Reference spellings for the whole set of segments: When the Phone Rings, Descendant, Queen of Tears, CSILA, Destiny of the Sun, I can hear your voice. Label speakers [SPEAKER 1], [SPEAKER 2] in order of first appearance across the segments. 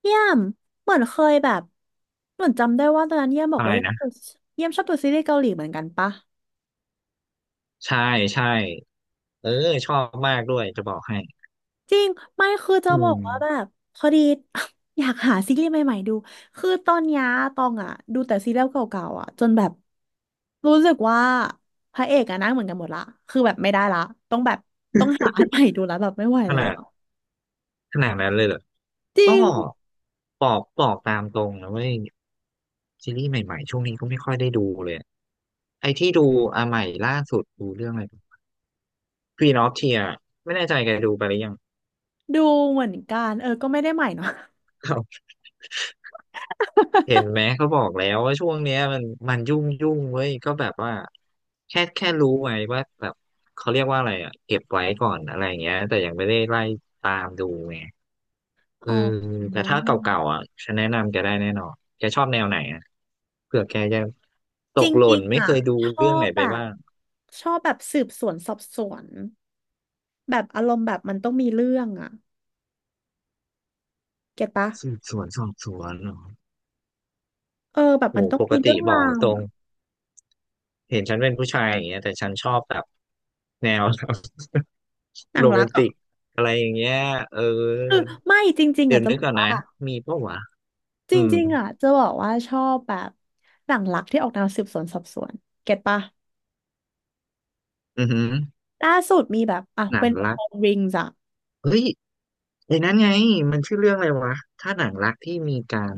[SPEAKER 1] เยี่ยมเหมือนเคยแบบเหมือนจำได้ว่าตอนนั้นเยี่ยมบอก
[SPEAKER 2] ใช่
[SPEAKER 1] ว่าเยี่ยม
[SPEAKER 2] นะ
[SPEAKER 1] ดูเยี่ยมชอบดูซีรีส์เกาหลีเหมือนกันปะ
[SPEAKER 2] ใช่ใช่เออชอบมากด้วยจะบอกให้
[SPEAKER 1] จริงไม่คือจะ
[SPEAKER 2] อื
[SPEAKER 1] บอ
[SPEAKER 2] ม
[SPEAKER 1] กว่าแบบพอดี อยากหาซีรีส์ใหม่ๆดู คือตอนเนี้ยตองอ่ะดูแต่ซีรีส์เก่าๆอ่ะจนแบบรู้สึกว่าพระเอกอะหนั่งเหมือนกันหมดละคือแบบไม่ได้ละต้องแบบต้องหาอันใหม่ดูแล้วแบบไม่ไหว
[SPEAKER 2] ข
[SPEAKER 1] แล้ว
[SPEAKER 2] นาด
[SPEAKER 1] อะ
[SPEAKER 2] ขนาดนั้นเลยเหรอ
[SPEAKER 1] จริ
[SPEAKER 2] ก็บ
[SPEAKER 1] ง
[SPEAKER 2] อกบอกตามตรงนะเว้ยซีรีส์ใหม่ๆช่วงนี้ก็ไม่ค่อยได้ดูเลยอะไอ้ที่ดูอ่ะใหม่ล่าสุดดูเรื่องอะไร Queen of Tears ไม่แน่ใจแกดูไปหรือยัง
[SPEAKER 1] ดูเหมือนกันเออก็ไม่ได้ใหม่เนาะ
[SPEAKER 2] เห็นไหมเขาบอกแล้วว่าช่วงเนี้ยมันยุ่งยุ่งเว้ยก็แบบว่าแค่รู้ไว้ว่าแบบเขาเรียกว่าอะไรอ่ะเก็บไว้ก่อนอะไรอย่างเงี้ยแต่ยังไม่ได้ไล่ตามดูไง เอ
[SPEAKER 1] อ๋
[SPEAKER 2] อ
[SPEAKER 1] อ
[SPEAKER 2] แต่ถ้าเก่าๆอ่ะฉันแนะนำแกได้แน่นอนแกชอบแนวไหนอ่ะเผื่อแกจะต
[SPEAKER 1] จ
[SPEAKER 2] กหล่
[SPEAKER 1] ริ
[SPEAKER 2] น
[SPEAKER 1] งๆ
[SPEAKER 2] ไม่
[SPEAKER 1] อ่ะ
[SPEAKER 2] เคยดู
[SPEAKER 1] ชอ
[SPEAKER 2] เรื่องไหน
[SPEAKER 1] บแบ
[SPEAKER 2] ไป
[SPEAKER 1] บ
[SPEAKER 2] บ้าง
[SPEAKER 1] ชอบแบบสืบสวนสอบสวนแบบอารมณ์แบบมันต้องมีเรื่องอ่ะเก็ตปะ
[SPEAKER 2] สืบสวนสอบสวนเหรอ
[SPEAKER 1] เออแบบ
[SPEAKER 2] โห
[SPEAKER 1] มันต้อง
[SPEAKER 2] ปก
[SPEAKER 1] มีเรื่
[SPEAKER 2] ติ
[SPEAKER 1] อง
[SPEAKER 2] บ
[SPEAKER 1] รา
[SPEAKER 2] อก
[SPEAKER 1] ว
[SPEAKER 2] ตรง
[SPEAKER 1] อะ
[SPEAKER 2] เห็นฉันเป็นผู้ชายอย่างเงี้ยแต่ฉันชอบแบบแนว
[SPEAKER 1] ห นัง
[SPEAKER 2] โรแม
[SPEAKER 1] รัก
[SPEAKER 2] น
[SPEAKER 1] เหร
[SPEAKER 2] ติ
[SPEAKER 1] อ่ะ
[SPEAKER 2] กอะไรอย่างเงี้ยเออ
[SPEAKER 1] คือไม่จริงๆ
[SPEAKER 2] เดี๋
[SPEAKER 1] อ่ะ
[SPEAKER 2] ยว
[SPEAKER 1] จะ
[SPEAKER 2] นึ
[SPEAKER 1] บ
[SPEAKER 2] ก
[SPEAKER 1] อก
[SPEAKER 2] ก่อน
[SPEAKER 1] ว่า
[SPEAKER 2] นะมีปะวะ
[SPEAKER 1] จ
[SPEAKER 2] อืม
[SPEAKER 1] ริงๆอ่ะจะบอกว่าชอบแบบหนังรักที่ออกแนวสืบสวนสอบสวนเก็ตปะ
[SPEAKER 2] อือหือ
[SPEAKER 1] ล่าสุดมีแบบอ่ะ
[SPEAKER 2] หนัง
[SPEAKER 1] When the
[SPEAKER 2] รัก
[SPEAKER 1] Phone Rings อ่ะ
[SPEAKER 2] เฮ้ยไอ้นั้นไงมันชื่อเรื่องอะไรวะถ้าหนังรักที่มีการ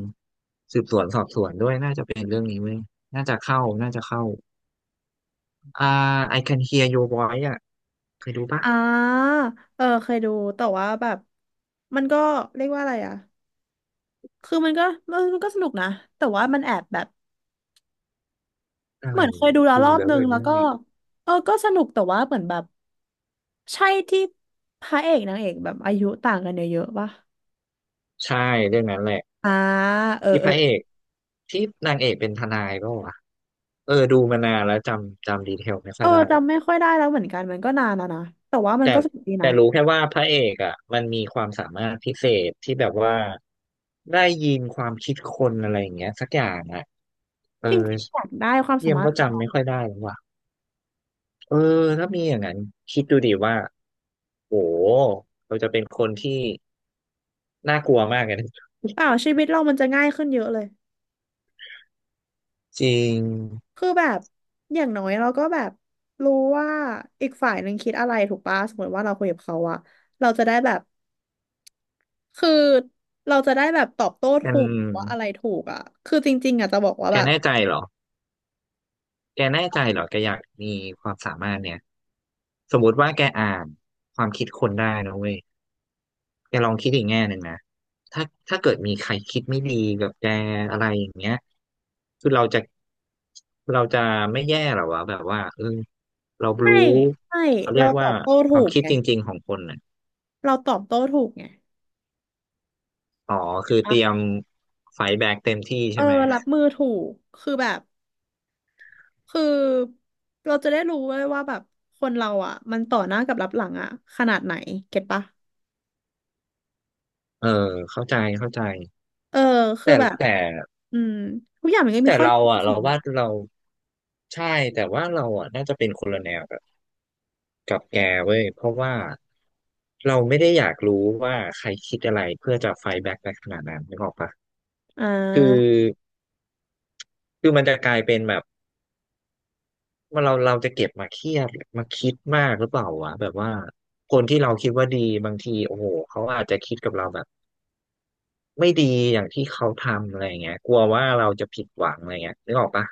[SPEAKER 2] น่เว้ยน่าจะเข้า อ่า I can hear your voice อ่ะเคยดูปะ
[SPEAKER 1] อ่าเออเคยดูแต่ว่าแบบมันก็เรียกว่าอะไรอ่ะคือมันก็สนุกนะแต่ว่ามันแอบแบบ
[SPEAKER 2] อะ
[SPEAKER 1] เห
[SPEAKER 2] ไร
[SPEAKER 1] มือนเคยดูแล้ว
[SPEAKER 2] ดู
[SPEAKER 1] รอบ
[SPEAKER 2] แล้ว
[SPEAKER 1] นึ
[SPEAKER 2] เล
[SPEAKER 1] ง
[SPEAKER 2] ย
[SPEAKER 1] แล้ว
[SPEAKER 2] นี่
[SPEAKER 1] ก็เออก็สนุกแต่ว่าเหมือนแบบใช่ที่พระเอกนางเอกแบบอายุต่างกันเยอะๆป่ะ
[SPEAKER 2] ใช่เรื่องนั้นแหละ
[SPEAKER 1] อ่าเออ
[SPEAKER 2] ที่
[SPEAKER 1] เอ
[SPEAKER 2] พ
[SPEAKER 1] อ
[SPEAKER 2] ระเอกที่นางเอกเป็นทนายก็วะดูมานานแล้วจำดีเทลไม่ค่
[SPEAKER 1] เอ
[SPEAKER 2] อ
[SPEAKER 1] อ
[SPEAKER 2] ยได้แล้ว
[SPEAKER 1] จำไม่
[SPEAKER 2] กัน
[SPEAKER 1] ค่อยได้แล้วเหมือนกันมันก็นานแล้วนะแต่ว่ามัน
[SPEAKER 2] แต่
[SPEAKER 1] ก็สนุกดี
[SPEAKER 2] แต่
[SPEAKER 1] นะ
[SPEAKER 2] รู้แค่ว่าพระเอกอ่ะมันมีความสามารถพิเศษที่แบบว่าได้ยินความคิดคนอะไรอย่างเงี้ยสักอย่างอ่ะเออ
[SPEAKER 1] จริงๆอยากได้ความสา
[SPEAKER 2] เยี่ยม
[SPEAKER 1] มารถ
[SPEAKER 2] ก็
[SPEAKER 1] เขา
[SPEAKER 2] จำ
[SPEAKER 1] เนาะ
[SPEAKER 2] ไม่ค่อยได้แล้วว่ะเออถ้ามีอย่างนั้นคิดดูดิว่าโหเราจะเป็นคนที่ น่ากลัวมากเลยนะ
[SPEAKER 1] เปล่าชีวิตเรามันจะง่ายขึ้นเยอะเลย
[SPEAKER 2] จริง
[SPEAKER 1] คือแบบอย่างน้อยเราก็แบบรู้ว่าอีกฝ่ายหนึ่งคิดอะไรถูกป่ะสมมติว่าเราคุยกับเขาอะเราจะได้แบบ คือเราจะได้แบบตอบโต้
[SPEAKER 2] แกน
[SPEAKER 1] ถูกว่าอะไรถูกอ่ะคือจริงๆอ่ะจะบอกว่า
[SPEAKER 2] แก
[SPEAKER 1] แบบ
[SPEAKER 2] แน่ใจเหรอ แกแน่ใจเหรอแกอยากมีความสามารถเนี่ยสมมติว่าแกอ่านความคิดคนได้นะเว้ยแกลองคิดอีกแง่หนึ่งนะถ้าถ้าเกิดมีใครคิดไม่ดีกับแกอะไรอย่างเงี้ยคือเราจะไม่แย่เหรอวะแบบว่า เรา
[SPEAKER 1] ไม่
[SPEAKER 2] รู้
[SPEAKER 1] ไม่
[SPEAKER 2] เขาเรี
[SPEAKER 1] เรา
[SPEAKER 2] ยก
[SPEAKER 1] ต
[SPEAKER 2] ว่า
[SPEAKER 1] อบโต้
[SPEAKER 2] ค
[SPEAKER 1] ถู
[SPEAKER 2] วาม
[SPEAKER 1] ก
[SPEAKER 2] คิด
[SPEAKER 1] ไง
[SPEAKER 2] จริงๆของคนน่ะ
[SPEAKER 1] เราตอบโต้ถูกไง
[SPEAKER 2] อ๋อ
[SPEAKER 1] เห็
[SPEAKER 2] คื
[SPEAKER 1] น
[SPEAKER 2] อเต
[SPEAKER 1] ปะ
[SPEAKER 2] รียมไฟท์แบ็กเต็มที่
[SPEAKER 1] เอ
[SPEAKER 2] ใช่
[SPEAKER 1] อ
[SPEAKER 2] ไหม
[SPEAKER 1] รับมือถูกคือแบบคือเราจะได้รู้ด้วยว่าแบบคนเราอ่ะมันต่อหน้ากับรับหลังอ่ะขนาดไหนเก็ตปะ
[SPEAKER 2] เออเข้าใจเข้าใจ
[SPEAKER 1] เออคือ
[SPEAKER 2] แต่
[SPEAKER 1] แบบ
[SPEAKER 2] แต่
[SPEAKER 1] อืมทุกอย่างมันก็
[SPEAKER 2] แต่
[SPEAKER 1] มีข้อ
[SPEAKER 2] เรา
[SPEAKER 1] ดีข้
[SPEAKER 2] อ่ะ
[SPEAKER 1] อเสี
[SPEAKER 2] เรา
[SPEAKER 1] ยแห
[SPEAKER 2] ว่า
[SPEAKER 1] ละ
[SPEAKER 2] เราใช่แต่ว่าเราอ่ะน่าจะเป็นคนละแนวกับแกเว้ยเพราะว่าเราไม่ได้อยากรู้ว่าใครคิดอะไรเพื่อจะไฟแบ็กในขนาดนั้นนึกออกปะ
[SPEAKER 1] อ่
[SPEAKER 2] คือ
[SPEAKER 1] า
[SPEAKER 2] คือมันจะกลายเป็นแบบว่าเราจะเก็บมาเครียดมาคิดมากหรือเปล่าวะแบบว่าคนที่เราคิดว่าดีบางทีโอ้โหเขาอาจจะคิดกับเราแบบไม่ดีอย่างที่เขาทำอะไรเงี้ยกลัวว่าเราจะผิดหวังอะไรเงี้ยนึกออกปะ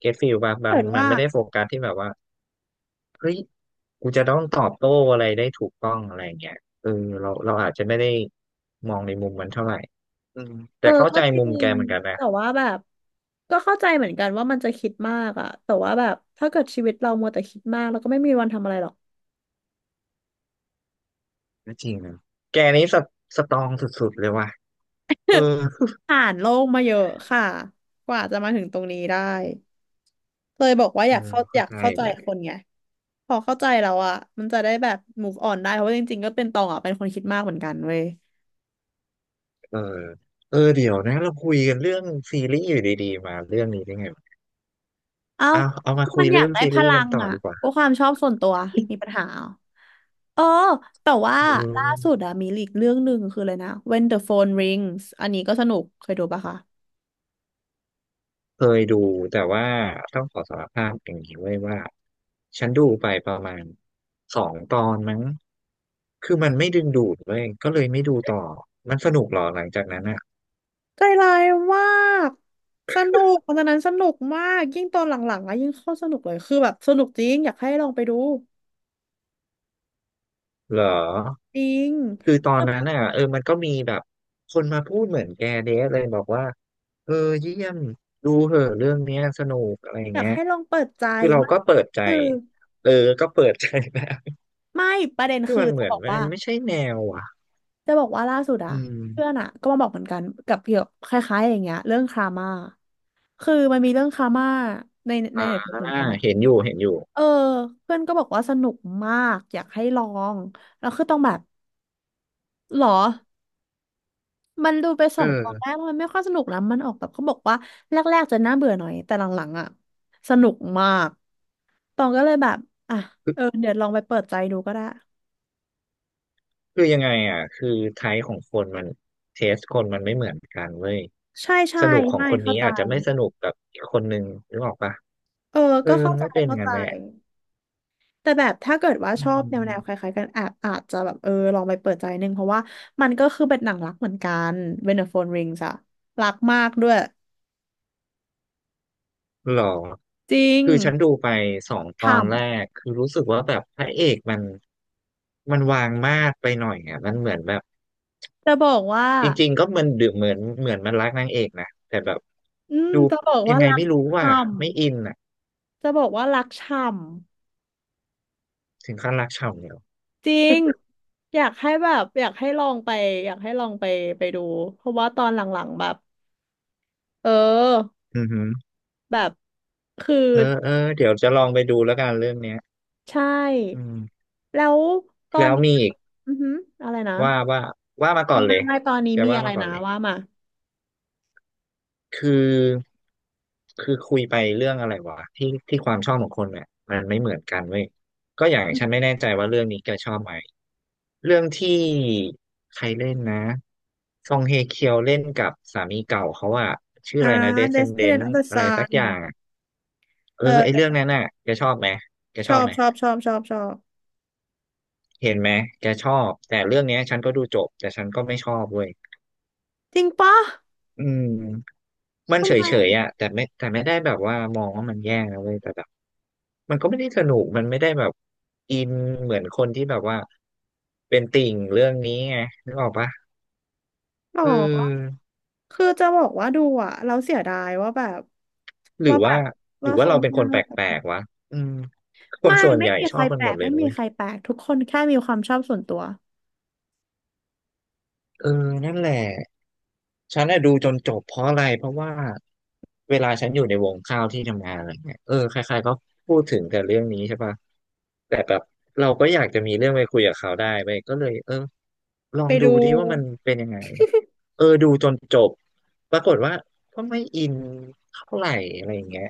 [SPEAKER 2] เก็ตฟีลปะ
[SPEAKER 1] ถ้า
[SPEAKER 2] มัน
[SPEAKER 1] เกิด
[SPEAKER 2] มัน
[SPEAKER 1] ว่า
[SPEAKER 2] ไม่ได้โฟกัสที่แบบว่า เฮ้ยกูจะต้องตอบโต้อะไรได้ถูกต้องอะไรเงี้ยเออเราอาจจะไม่ได้มองในมุมมันเท่าไหร่อืม
[SPEAKER 1] เอ
[SPEAKER 2] แต่
[SPEAKER 1] อ
[SPEAKER 2] เข้า
[SPEAKER 1] ก็
[SPEAKER 2] ใจ
[SPEAKER 1] จ
[SPEAKER 2] มุ
[SPEAKER 1] ริ
[SPEAKER 2] มแก
[SPEAKER 1] ง
[SPEAKER 2] เหมือนกันนะ
[SPEAKER 1] แต่ว่าแบบก็เข้าใจเหมือนกันว่ามันจะคิดมากอะแต่ว่าแบบถ้าเกิดชีวิตเรามัวแต่คิดมากเราก็ไม่มีวันทำอะไรหรอก
[SPEAKER 2] ก็จริงนะแกนี้สตรองสุดๆเลยว่ะเออ
[SPEAKER 1] ผ่านโลกมาเยอะค่ะกว่าจะมาถึงตรงนี้ได้เลยบอกว่าอ
[SPEAKER 2] เออ
[SPEAKER 1] ยากเข้าอ
[SPEAKER 2] เข้า
[SPEAKER 1] ยาก
[SPEAKER 2] ใจ
[SPEAKER 1] เข้าใจ
[SPEAKER 2] แหละ
[SPEAKER 1] คนไงพอเข้าใจแล้วอะมันจะได้แบบ move on ได้เพราะว่าจริงๆก็เป็นตองอะเป็นคนคิดมากเหมือนกันเว้ย
[SPEAKER 2] เออเออเดี๋ยวนะเราคุยกันเรื่องซีรีส์อยู่ดีๆมาเรื่องนี้ได้ไงวะ
[SPEAKER 1] เอ้า
[SPEAKER 2] เอามา
[SPEAKER 1] ก็
[SPEAKER 2] คุ
[SPEAKER 1] มั
[SPEAKER 2] ย
[SPEAKER 1] นอยา
[SPEAKER 2] เรื่
[SPEAKER 1] ก
[SPEAKER 2] อง
[SPEAKER 1] ได้
[SPEAKER 2] ซี
[SPEAKER 1] พ
[SPEAKER 2] รีส์
[SPEAKER 1] ลั
[SPEAKER 2] กัน
[SPEAKER 1] ง
[SPEAKER 2] ต่อ
[SPEAKER 1] อ่ะ
[SPEAKER 2] ดีกว่า
[SPEAKER 1] ก็ความชอบส่วนตัวมีปัญหาเหรอเออแต่ว่า
[SPEAKER 2] อื
[SPEAKER 1] ล่าสุด
[SPEAKER 2] ม
[SPEAKER 1] อะมีอีกเรื่องหนึ่งคืออะไรนะ When the Phone Rings อันนี้ก็สนุกเคยดูปะคะ
[SPEAKER 2] เคยดูแต่ว่าต้องขอสารภาพอย่างนี้ไว้ยว่าฉันดูไปประมาณสองตอนมั้งคือมันไม่ดึงดูดเว้ยก็เลยไม่ดูต่อมันสนุกเหรอหลังจากนั้นอะ
[SPEAKER 1] ใจร้ายมากสนุกตอนนั้นสนุกมากยิ่งตอนหลังๆอะยิ่งเข้าสนุกเลยคือแบบสนุกจริงอยากให้ลองไปดู
[SPEAKER 2] เหรอ
[SPEAKER 1] จริง
[SPEAKER 2] คือตอนนั้นอะมันก็มีแบบคนมาพูดเหมือนแกเดสเลยบอกว่าเออเยี่ยมดูเหอะเรื่องเนี้ยสนุกอะไรอย่าง
[SPEAKER 1] อยาก
[SPEAKER 2] เงี้ย
[SPEAKER 1] ให้ลองเปิดใจ
[SPEAKER 2] คือเรา
[SPEAKER 1] ไม่
[SPEAKER 2] ก็เปิดใจ
[SPEAKER 1] คือ
[SPEAKER 2] เออก็เปิดใจนะ
[SPEAKER 1] ไม่ประเด็น
[SPEAKER 2] คือ
[SPEAKER 1] คือ
[SPEAKER 2] มันเห
[SPEAKER 1] จะ
[SPEAKER 2] มือ
[SPEAKER 1] บ
[SPEAKER 2] น
[SPEAKER 1] อก
[SPEAKER 2] มั
[SPEAKER 1] ว่า
[SPEAKER 2] นไม่ใช่แนวอ่ะ
[SPEAKER 1] จะบอกว่าล่าสุดอะ
[SPEAKER 2] อืม
[SPEAKER 1] เพื่อนอะก็มาบอกเหมือนกันกับเกี่ยวคล้ายๆอย่างเงี้ยเรื่องครามาคือมันมีเรื่องครามาใน
[SPEAKER 2] อ่า
[SPEAKER 1] เน็ตเหมือนกันอะ
[SPEAKER 2] เห็นอยู่เห็นอยู่
[SPEAKER 1] เออเพื่อนก็บอกว่าสนุกมากอยากให้ลองแล้วคือต้องแบบหรอมันดูไปส
[SPEAKER 2] เอ
[SPEAKER 1] องตอนแรก
[SPEAKER 2] อ
[SPEAKER 1] ลมันไม่ค่อยสนุกนะมันออกแบบเขาบอกว่าแรกๆจะน่าเบื่อหน่อยแต่หลังๆอะสนุกมากตองก็เลยแบบอ่ะ
[SPEAKER 2] คือ
[SPEAKER 1] เออเดี๋ยวลองไปเปิดใจดูก็ได้
[SPEAKER 2] คือยังไงอ่ะคือไทป์ของคนมันเทสคนมันไม่เหมือนกันเว้ย
[SPEAKER 1] ใช่ใช่
[SPEAKER 2] สนุกของ
[SPEAKER 1] ไม่
[SPEAKER 2] คน
[SPEAKER 1] เข้า
[SPEAKER 2] นี้
[SPEAKER 1] ใจ
[SPEAKER 2] อาจจะไม่สนุกกับอีกคนนึงนึกออกปะ
[SPEAKER 1] เออ
[SPEAKER 2] เออ
[SPEAKER 1] ก็เข้า
[SPEAKER 2] มัน
[SPEAKER 1] ใจ
[SPEAKER 2] ก็เป็น
[SPEAKER 1] เข้า
[SPEAKER 2] งั้
[SPEAKER 1] ใจ
[SPEAKER 2] นแหละ
[SPEAKER 1] แต่แบบถ้าเกิดว่า
[SPEAKER 2] อื
[SPEAKER 1] ชอบแนวแนวค
[SPEAKER 2] ม
[SPEAKER 1] ล้ายๆกันอาจอาจจะแบบเออลองไปเปิดใจหนึ่งเพราะว่ามันก็คือเป็นหนังรักเหมือนกันเวนเดอร์โฟนริงส์อะรักมากด้วย
[SPEAKER 2] หรอ
[SPEAKER 1] จริง
[SPEAKER 2] คือฉันดูไปสองตอ
[SPEAKER 1] ฉ่
[SPEAKER 2] นแรกคือรู้สึกว่าแบบพระเอกมันวางมาดไปหน่อยอ่ะมันเหมือนแบบ
[SPEAKER 1] ำจะบอกว่า
[SPEAKER 2] จริงๆก็มันดูเหมือนมันรักนางเอกนะแต่แบบ
[SPEAKER 1] อืม
[SPEAKER 2] ดู
[SPEAKER 1] จะบอก
[SPEAKER 2] ยั
[SPEAKER 1] ว่า
[SPEAKER 2] งไง
[SPEAKER 1] รัก
[SPEAKER 2] ไม่รู้ว่า
[SPEAKER 1] ฉ่
[SPEAKER 2] ไม่อินอ่ะ
[SPEAKER 1] ำจะบอกว่ารักฉ่
[SPEAKER 2] ถึงขั้นรักเฉ่เนยเ
[SPEAKER 1] ำจริงอยากให้แบบอยากให้ลองไปอยากให้ลองไปไปดูเพราะว่าตอนหลังๆแบบเออแบบคือ
[SPEAKER 2] เออเออเดี๋ยวจะลองไปดูแล้วกันเรื่องเนี้ย
[SPEAKER 1] ใช่
[SPEAKER 2] อืม
[SPEAKER 1] แล้วตอน
[SPEAKER 2] แล้ว
[SPEAKER 1] นี้
[SPEAKER 2] มีอีก
[SPEAKER 1] อือหืออะไรนะ
[SPEAKER 2] ว่าว่าว่ามาก่อนเล
[SPEAKER 1] ไม่
[SPEAKER 2] ย
[SPEAKER 1] ไม่ตอนนี้
[SPEAKER 2] แก
[SPEAKER 1] มี
[SPEAKER 2] ว่า
[SPEAKER 1] อะไร
[SPEAKER 2] มาก่อน
[SPEAKER 1] นะ
[SPEAKER 2] เลย
[SPEAKER 1] ว่ามา
[SPEAKER 2] คือคือคุยไปเรื่องอะไรวะที่ที่ความชอบของคนเนี่ยมันไม่เหมือนกันเว้ยก็อย่าง
[SPEAKER 1] อื
[SPEAKER 2] ฉันไม่
[SPEAKER 1] ม
[SPEAKER 2] แน่ใจว่าเรื่องนี้แกชอบไหมเรื่องที่ใครเล่นนะซองเฮเคียวเล่นกับสามีเก่าเขาอะชื่อ
[SPEAKER 1] อ่า
[SPEAKER 2] อะไรนะ
[SPEAKER 1] Destiny
[SPEAKER 2] Descendant
[SPEAKER 1] of the
[SPEAKER 2] อะไรสัก
[SPEAKER 1] Sun
[SPEAKER 2] อย่างอะเออไอเรื่อ
[SPEAKER 1] เออ
[SPEAKER 2] งนั้นน่ะแกชอบไหมแก
[SPEAKER 1] ช
[SPEAKER 2] ช
[SPEAKER 1] อ
[SPEAKER 2] อบ
[SPEAKER 1] บ
[SPEAKER 2] ไหม
[SPEAKER 1] ชอบชอบชอบชอบ
[SPEAKER 2] เห็นไหมแกชอบแต่เรื่องเนี้ยฉันก็ดูจบแต่ฉันก็ไม่ชอบเว้ย
[SPEAKER 1] จริงปะ
[SPEAKER 2] อืมมัน
[SPEAKER 1] ทำ
[SPEAKER 2] เฉ
[SPEAKER 1] ไม
[SPEAKER 2] ยๆ
[SPEAKER 1] อะ
[SPEAKER 2] อ่ะแต่ไม่ได้แบบว่ามองว่ามันแย่นะเว้ยแต่แบบมันก็ไม่ได้สนุกมันไม่ได้แบบอินเหมือนคนที่แบบว่าเป็นติ่งเรื่องนี้ไงนึกออกปะ
[SPEAKER 1] หร
[SPEAKER 2] เ
[SPEAKER 1] อ
[SPEAKER 2] ออ
[SPEAKER 1] คือจะบอกว่าดูอ่ะเราเสียดายว่าแบบ
[SPEAKER 2] หรื
[SPEAKER 1] ว่า
[SPEAKER 2] อ
[SPEAKER 1] แบ
[SPEAKER 2] ว่า
[SPEAKER 1] บ
[SPEAKER 2] หรื
[SPEAKER 1] ว่า
[SPEAKER 2] อว่า
[SPEAKER 1] เขา
[SPEAKER 2] เรา
[SPEAKER 1] ไม่
[SPEAKER 2] เป็นค
[SPEAKER 1] เลา
[SPEAKER 2] นแปลกๆวะอืมคน
[SPEAKER 1] ไม่
[SPEAKER 2] ส่วน
[SPEAKER 1] ไม่
[SPEAKER 2] ใหญ่
[SPEAKER 1] มี
[SPEAKER 2] ช
[SPEAKER 1] ใค
[SPEAKER 2] อ
[SPEAKER 1] ร
[SPEAKER 2] บกั
[SPEAKER 1] แป
[SPEAKER 2] น
[SPEAKER 1] ล
[SPEAKER 2] หมด
[SPEAKER 1] ก
[SPEAKER 2] เลย
[SPEAKER 1] ไม่
[SPEAKER 2] นะ
[SPEAKER 1] มี
[SPEAKER 2] เว้ย
[SPEAKER 1] ใครแปลกทุกคนแค่มีความชอบส่วนตัว
[SPEAKER 2] เออนั่นแหละ ฉันน่ะดูจนจบเพราะอะไรเพราะว่าเวลาฉันอยู่ในวงข้าวที่ทำงานอะไรเงี้ยเออใครๆก็พูดถึงแต่เรื่องนี้ใช่ป่ะแต่แบบเราก็อยากจะมีเรื่องไปคุยกับเขาได้ไปก็เลยเออลอ
[SPEAKER 1] ไป
[SPEAKER 2] งดู
[SPEAKER 1] ดู
[SPEAKER 2] ดิว่ามันเป็นยังไงเออดูจนจบปรากฏว่าก็ไม่อินเท่าไหร่อะไรอย่างเงี้ย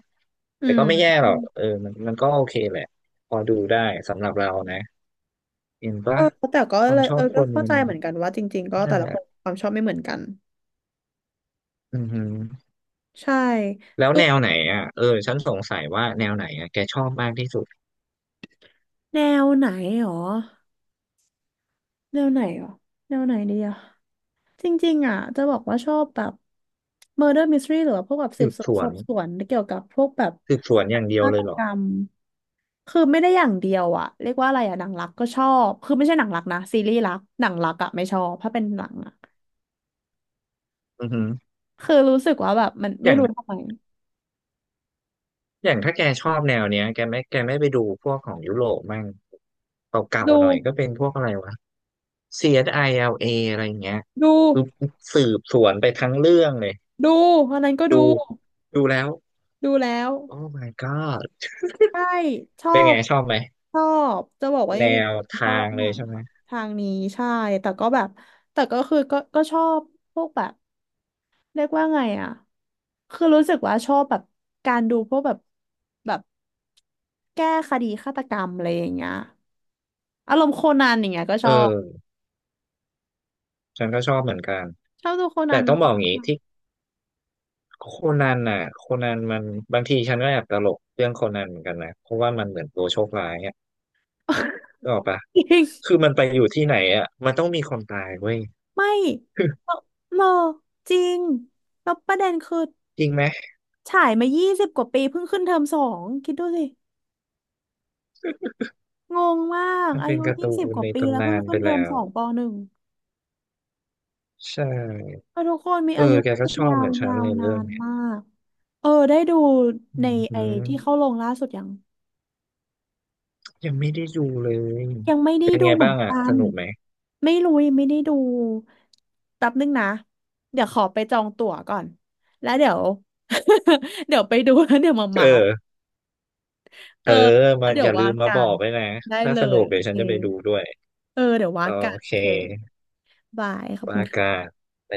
[SPEAKER 1] อื
[SPEAKER 2] แต่ก็ไม่
[SPEAKER 1] ม
[SPEAKER 2] แย่หรอกเออมันมันก็โอเคแหละพอดูได้สำหรับเรานะเห็น
[SPEAKER 1] เอ
[SPEAKER 2] ปะ
[SPEAKER 1] อแต่ก็
[SPEAKER 2] ควา
[SPEAKER 1] เล
[SPEAKER 2] ม
[SPEAKER 1] ย
[SPEAKER 2] ช
[SPEAKER 1] เอ
[SPEAKER 2] อ
[SPEAKER 1] อ
[SPEAKER 2] บค
[SPEAKER 1] ก็
[SPEAKER 2] น
[SPEAKER 1] เข้า
[SPEAKER 2] มั
[SPEAKER 1] ใจ
[SPEAKER 2] น
[SPEAKER 1] เหมือนกันว่าจริงๆก็แต่
[SPEAKER 2] นั่นแห
[SPEAKER 1] ละค
[SPEAKER 2] ละ
[SPEAKER 1] นความชอบไม่เหมือนกัน
[SPEAKER 2] อือหือ
[SPEAKER 1] ใช่
[SPEAKER 2] แล้ว
[SPEAKER 1] คือ
[SPEAKER 2] แนวไหนอ่ะเออฉันสงสัยว่าแนวไหนอ่ะแกชอบมากที่สุด
[SPEAKER 1] แนวไหนหรอ แนวไหนอ่ะแนวไหนดีอ่ะจริงๆอ่ะจะบอกว่าชอบแบบ murder mystery หรือว่าพวกแบบสื
[SPEAKER 2] สื
[SPEAKER 1] บ
[SPEAKER 2] บ
[SPEAKER 1] สว
[SPEAKER 2] ส
[SPEAKER 1] น
[SPEAKER 2] ว
[SPEAKER 1] สอ
[SPEAKER 2] น
[SPEAKER 1] บสวนเกี่ยวกับพวกแบบ
[SPEAKER 2] สืบสวนอ
[SPEAKER 1] กา
[SPEAKER 2] ย่าง
[SPEAKER 1] ร
[SPEAKER 2] เดียว
[SPEAKER 1] ฆา
[SPEAKER 2] เล
[SPEAKER 1] ต
[SPEAKER 2] ยเหร
[SPEAKER 1] ก
[SPEAKER 2] อ
[SPEAKER 1] รรมคือไม่ได้อย่างเดียวอ่ะเรียกว่าอะไรอ่ะหนังรักก็ชอบคือไม่ใช่หนังรักนะซีรีส์รักหนังรักอ่ะไม่ชอบถ้าเป็นหนังอ่ะ
[SPEAKER 2] อือหือ
[SPEAKER 1] คือรู้สึกว่าแบบมัน
[SPEAKER 2] อ
[SPEAKER 1] ไม่
[SPEAKER 2] ย่าง
[SPEAKER 1] รู้ทำไม
[SPEAKER 2] อย่างถ้าแกชอบแนวเนี้ยแกไม่ไปดูพวกของยุโรปมั่งเก่า
[SPEAKER 1] ดู
[SPEAKER 2] ๆหน่อยก็เป็นพวกอะไรวะ CSILA อสไอแอลเออะไรอย่างเงี้ย
[SPEAKER 1] ดู
[SPEAKER 2] คือสืบสวนไปทั้งเรื่องเลย
[SPEAKER 1] ดูอันนั้นก็
[SPEAKER 2] ดู
[SPEAKER 1] ดู
[SPEAKER 2] ดูแล้ว
[SPEAKER 1] ดูแล้ว
[SPEAKER 2] โอ้ my god
[SPEAKER 1] ใช่ชอ
[SPEAKER 2] เป็นไง
[SPEAKER 1] บ
[SPEAKER 2] ชอบไหม
[SPEAKER 1] ชอบจะบอกว่าจ
[SPEAKER 2] แน
[SPEAKER 1] ริง
[SPEAKER 2] ว
[SPEAKER 1] ๆช
[SPEAKER 2] ทา
[SPEAKER 1] อบ
[SPEAKER 2] ง
[SPEAKER 1] ห
[SPEAKER 2] เล
[SPEAKER 1] นั
[SPEAKER 2] ย
[SPEAKER 1] ง
[SPEAKER 2] ใช่
[SPEAKER 1] แบ
[SPEAKER 2] ไหม
[SPEAKER 1] บทางนี้ใช่แต่ก็แบบแต่ก็คือก็ชอบพวกแบบเรียกว่าไงอ่ะคือรู้สึกว่าชอบแบบการดูพวกแบบแบบแก้คดีฆาตกรรมอะไรอย่างเงี้ยอารมณ์โคนันอย่างเงี้ยก็ช
[SPEAKER 2] เอ
[SPEAKER 1] อบ
[SPEAKER 2] อฉันก็ชอบเหมือนกัน
[SPEAKER 1] ชอบดูโคนั
[SPEAKER 2] แต่
[SPEAKER 1] น
[SPEAKER 2] ต้องบอ
[SPEAKER 1] มา
[SPEAKER 2] ก
[SPEAKER 1] ก
[SPEAKER 2] อย่างนี้ที่ โคนันน่ะโคนันมันบางทีฉันก็แอบตลกเรื่องโคนันเหมือนกันนะเพราะว่ามันเหมือนตัวโชคร้ายอ่ะก็ออก ปะ
[SPEAKER 1] จริง
[SPEAKER 2] คือมันไปอยู่ที่ไหนอ่ะมันต้องมีคนตายเว้ย
[SPEAKER 1] ไม่ เราเราจริงแล้วประเด็นคือ
[SPEAKER 2] จริงไหม
[SPEAKER 1] ฉายมายี่สิบกว่าปีเพิ่งขึ้นเทอมสองคิดดูสิ งงมาก
[SPEAKER 2] มัน
[SPEAKER 1] อา
[SPEAKER 2] เป็น
[SPEAKER 1] ยุ
[SPEAKER 2] การ์
[SPEAKER 1] ยี่
[SPEAKER 2] ตู
[SPEAKER 1] สิบ
[SPEAKER 2] น
[SPEAKER 1] กว่า
[SPEAKER 2] ใน
[SPEAKER 1] ปีแล้ว
[SPEAKER 2] ตำนา
[SPEAKER 1] เพิ่ง
[SPEAKER 2] น
[SPEAKER 1] ขึ้
[SPEAKER 2] ไป
[SPEAKER 1] นเทอม
[SPEAKER 2] แล้
[SPEAKER 1] ส
[SPEAKER 2] ว
[SPEAKER 1] องปหนึ่ง
[SPEAKER 2] ใช่
[SPEAKER 1] ก็ทุกคนมี
[SPEAKER 2] เอ
[SPEAKER 1] อา
[SPEAKER 2] อ
[SPEAKER 1] ยุ
[SPEAKER 2] แกก็ชอบ
[SPEAKER 1] ยา
[SPEAKER 2] เห
[SPEAKER 1] ว
[SPEAKER 2] มือนฉั
[SPEAKER 1] ยา
[SPEAKER 2] น
[SPEAKER 1] ว
[SPEAKER 2] เลย
[SPEAKER 1] นา
[SPEAKER 2] เรื่อง
[SPEAKER 1] น
[SPEAKER 2] เนี้ย
[SPEAKER 1] มากเออได้ดู
[SPEAKER 2] อื
[SPEAKER 1] ใน
[SPEAKER 2] อ
[SPEAKER 1] ไอ
[SPEAKER 2] หื
[SPEAKER 1] ที่
[SPEAKER 2] อ
[SPEAKER 1] เข้าลงล่าสุด
[SPEAKER 2] ยังไม่ได้ดูเลย
[SPEAKER 1] ยังไม่ได้
[SPEAKER 2] เป็น
[SPEAKER 1] ดู
[SPEAKER 2] ไง
[SPEAKER 1] เหมือ
[SPEAKER 2] บ้า
[SPEAKER 1] น
[SPEAKER 2] งอ่ะ
[SPEAKER 1] กั
[SPEAKER 2] ส
[SPEAKER 1] น
[SPEAKER 2] นุกไหม
[SPEAKER 1] ไม่รู้ยังไม่ได้ดูแป๊บนึงนะเดี๋ยวขอไปจองตั๋วก่อนแล้วเดี๋ยว เดี๋ยวไปดูแล้วเดี๋ยวมา
[SPEAKER 2] เอ
[SPEAKER 1] เมาส์
[SPEAKER 2] อ
[SPEAKER 1] เอ
[SPEAKER 2] เอ
[SPEAKER 1] อ
[SPEAKER 2] อ
[SPEAKER 1] แล้
[SPEAKER 2] มา
[SPEAKER 1] วเดี๋
[SPEAKER 2] อ
[SPEAKER 1] ยว
[SPEAKER 2] ย่าลื
[SPEAKER 1] ว่า
[SPEAKER 2] มมา
[SPEAKER 1] กั
[SPEAKER 2] บอ
[SPEAKER 1] น
[SPEAKER 2] กไว้นะ
[SPEAKER 1] ได้
[SPEAKER 2] ถ้า
[SPEAKER 1] เล
[SPEAKER 2] สนุ
[SPEAKER 1] ย
[SPEAKER 2] ก
[SPEAKER 1] โอ
[SPEAKER 2] เดี๋ยว
[SPEAKER 1] เค
[SPEAKER 2] ฉันจะไปดูด้วย
[SPEAKER 1] เออเดี๋ยวว่า
[SPEAKER 2] โอ
[SPEAKER 1] กันโอ
[SPEAKER 2] เค
[SPEAKER 1] เคบายขอบคุ
[SPEAKER 2] ว่า
[SPEAKER 1] ณ
[SPEAKER 2] กั
[SPEAKER 1] ค่ะ
[SPEAKER 2] น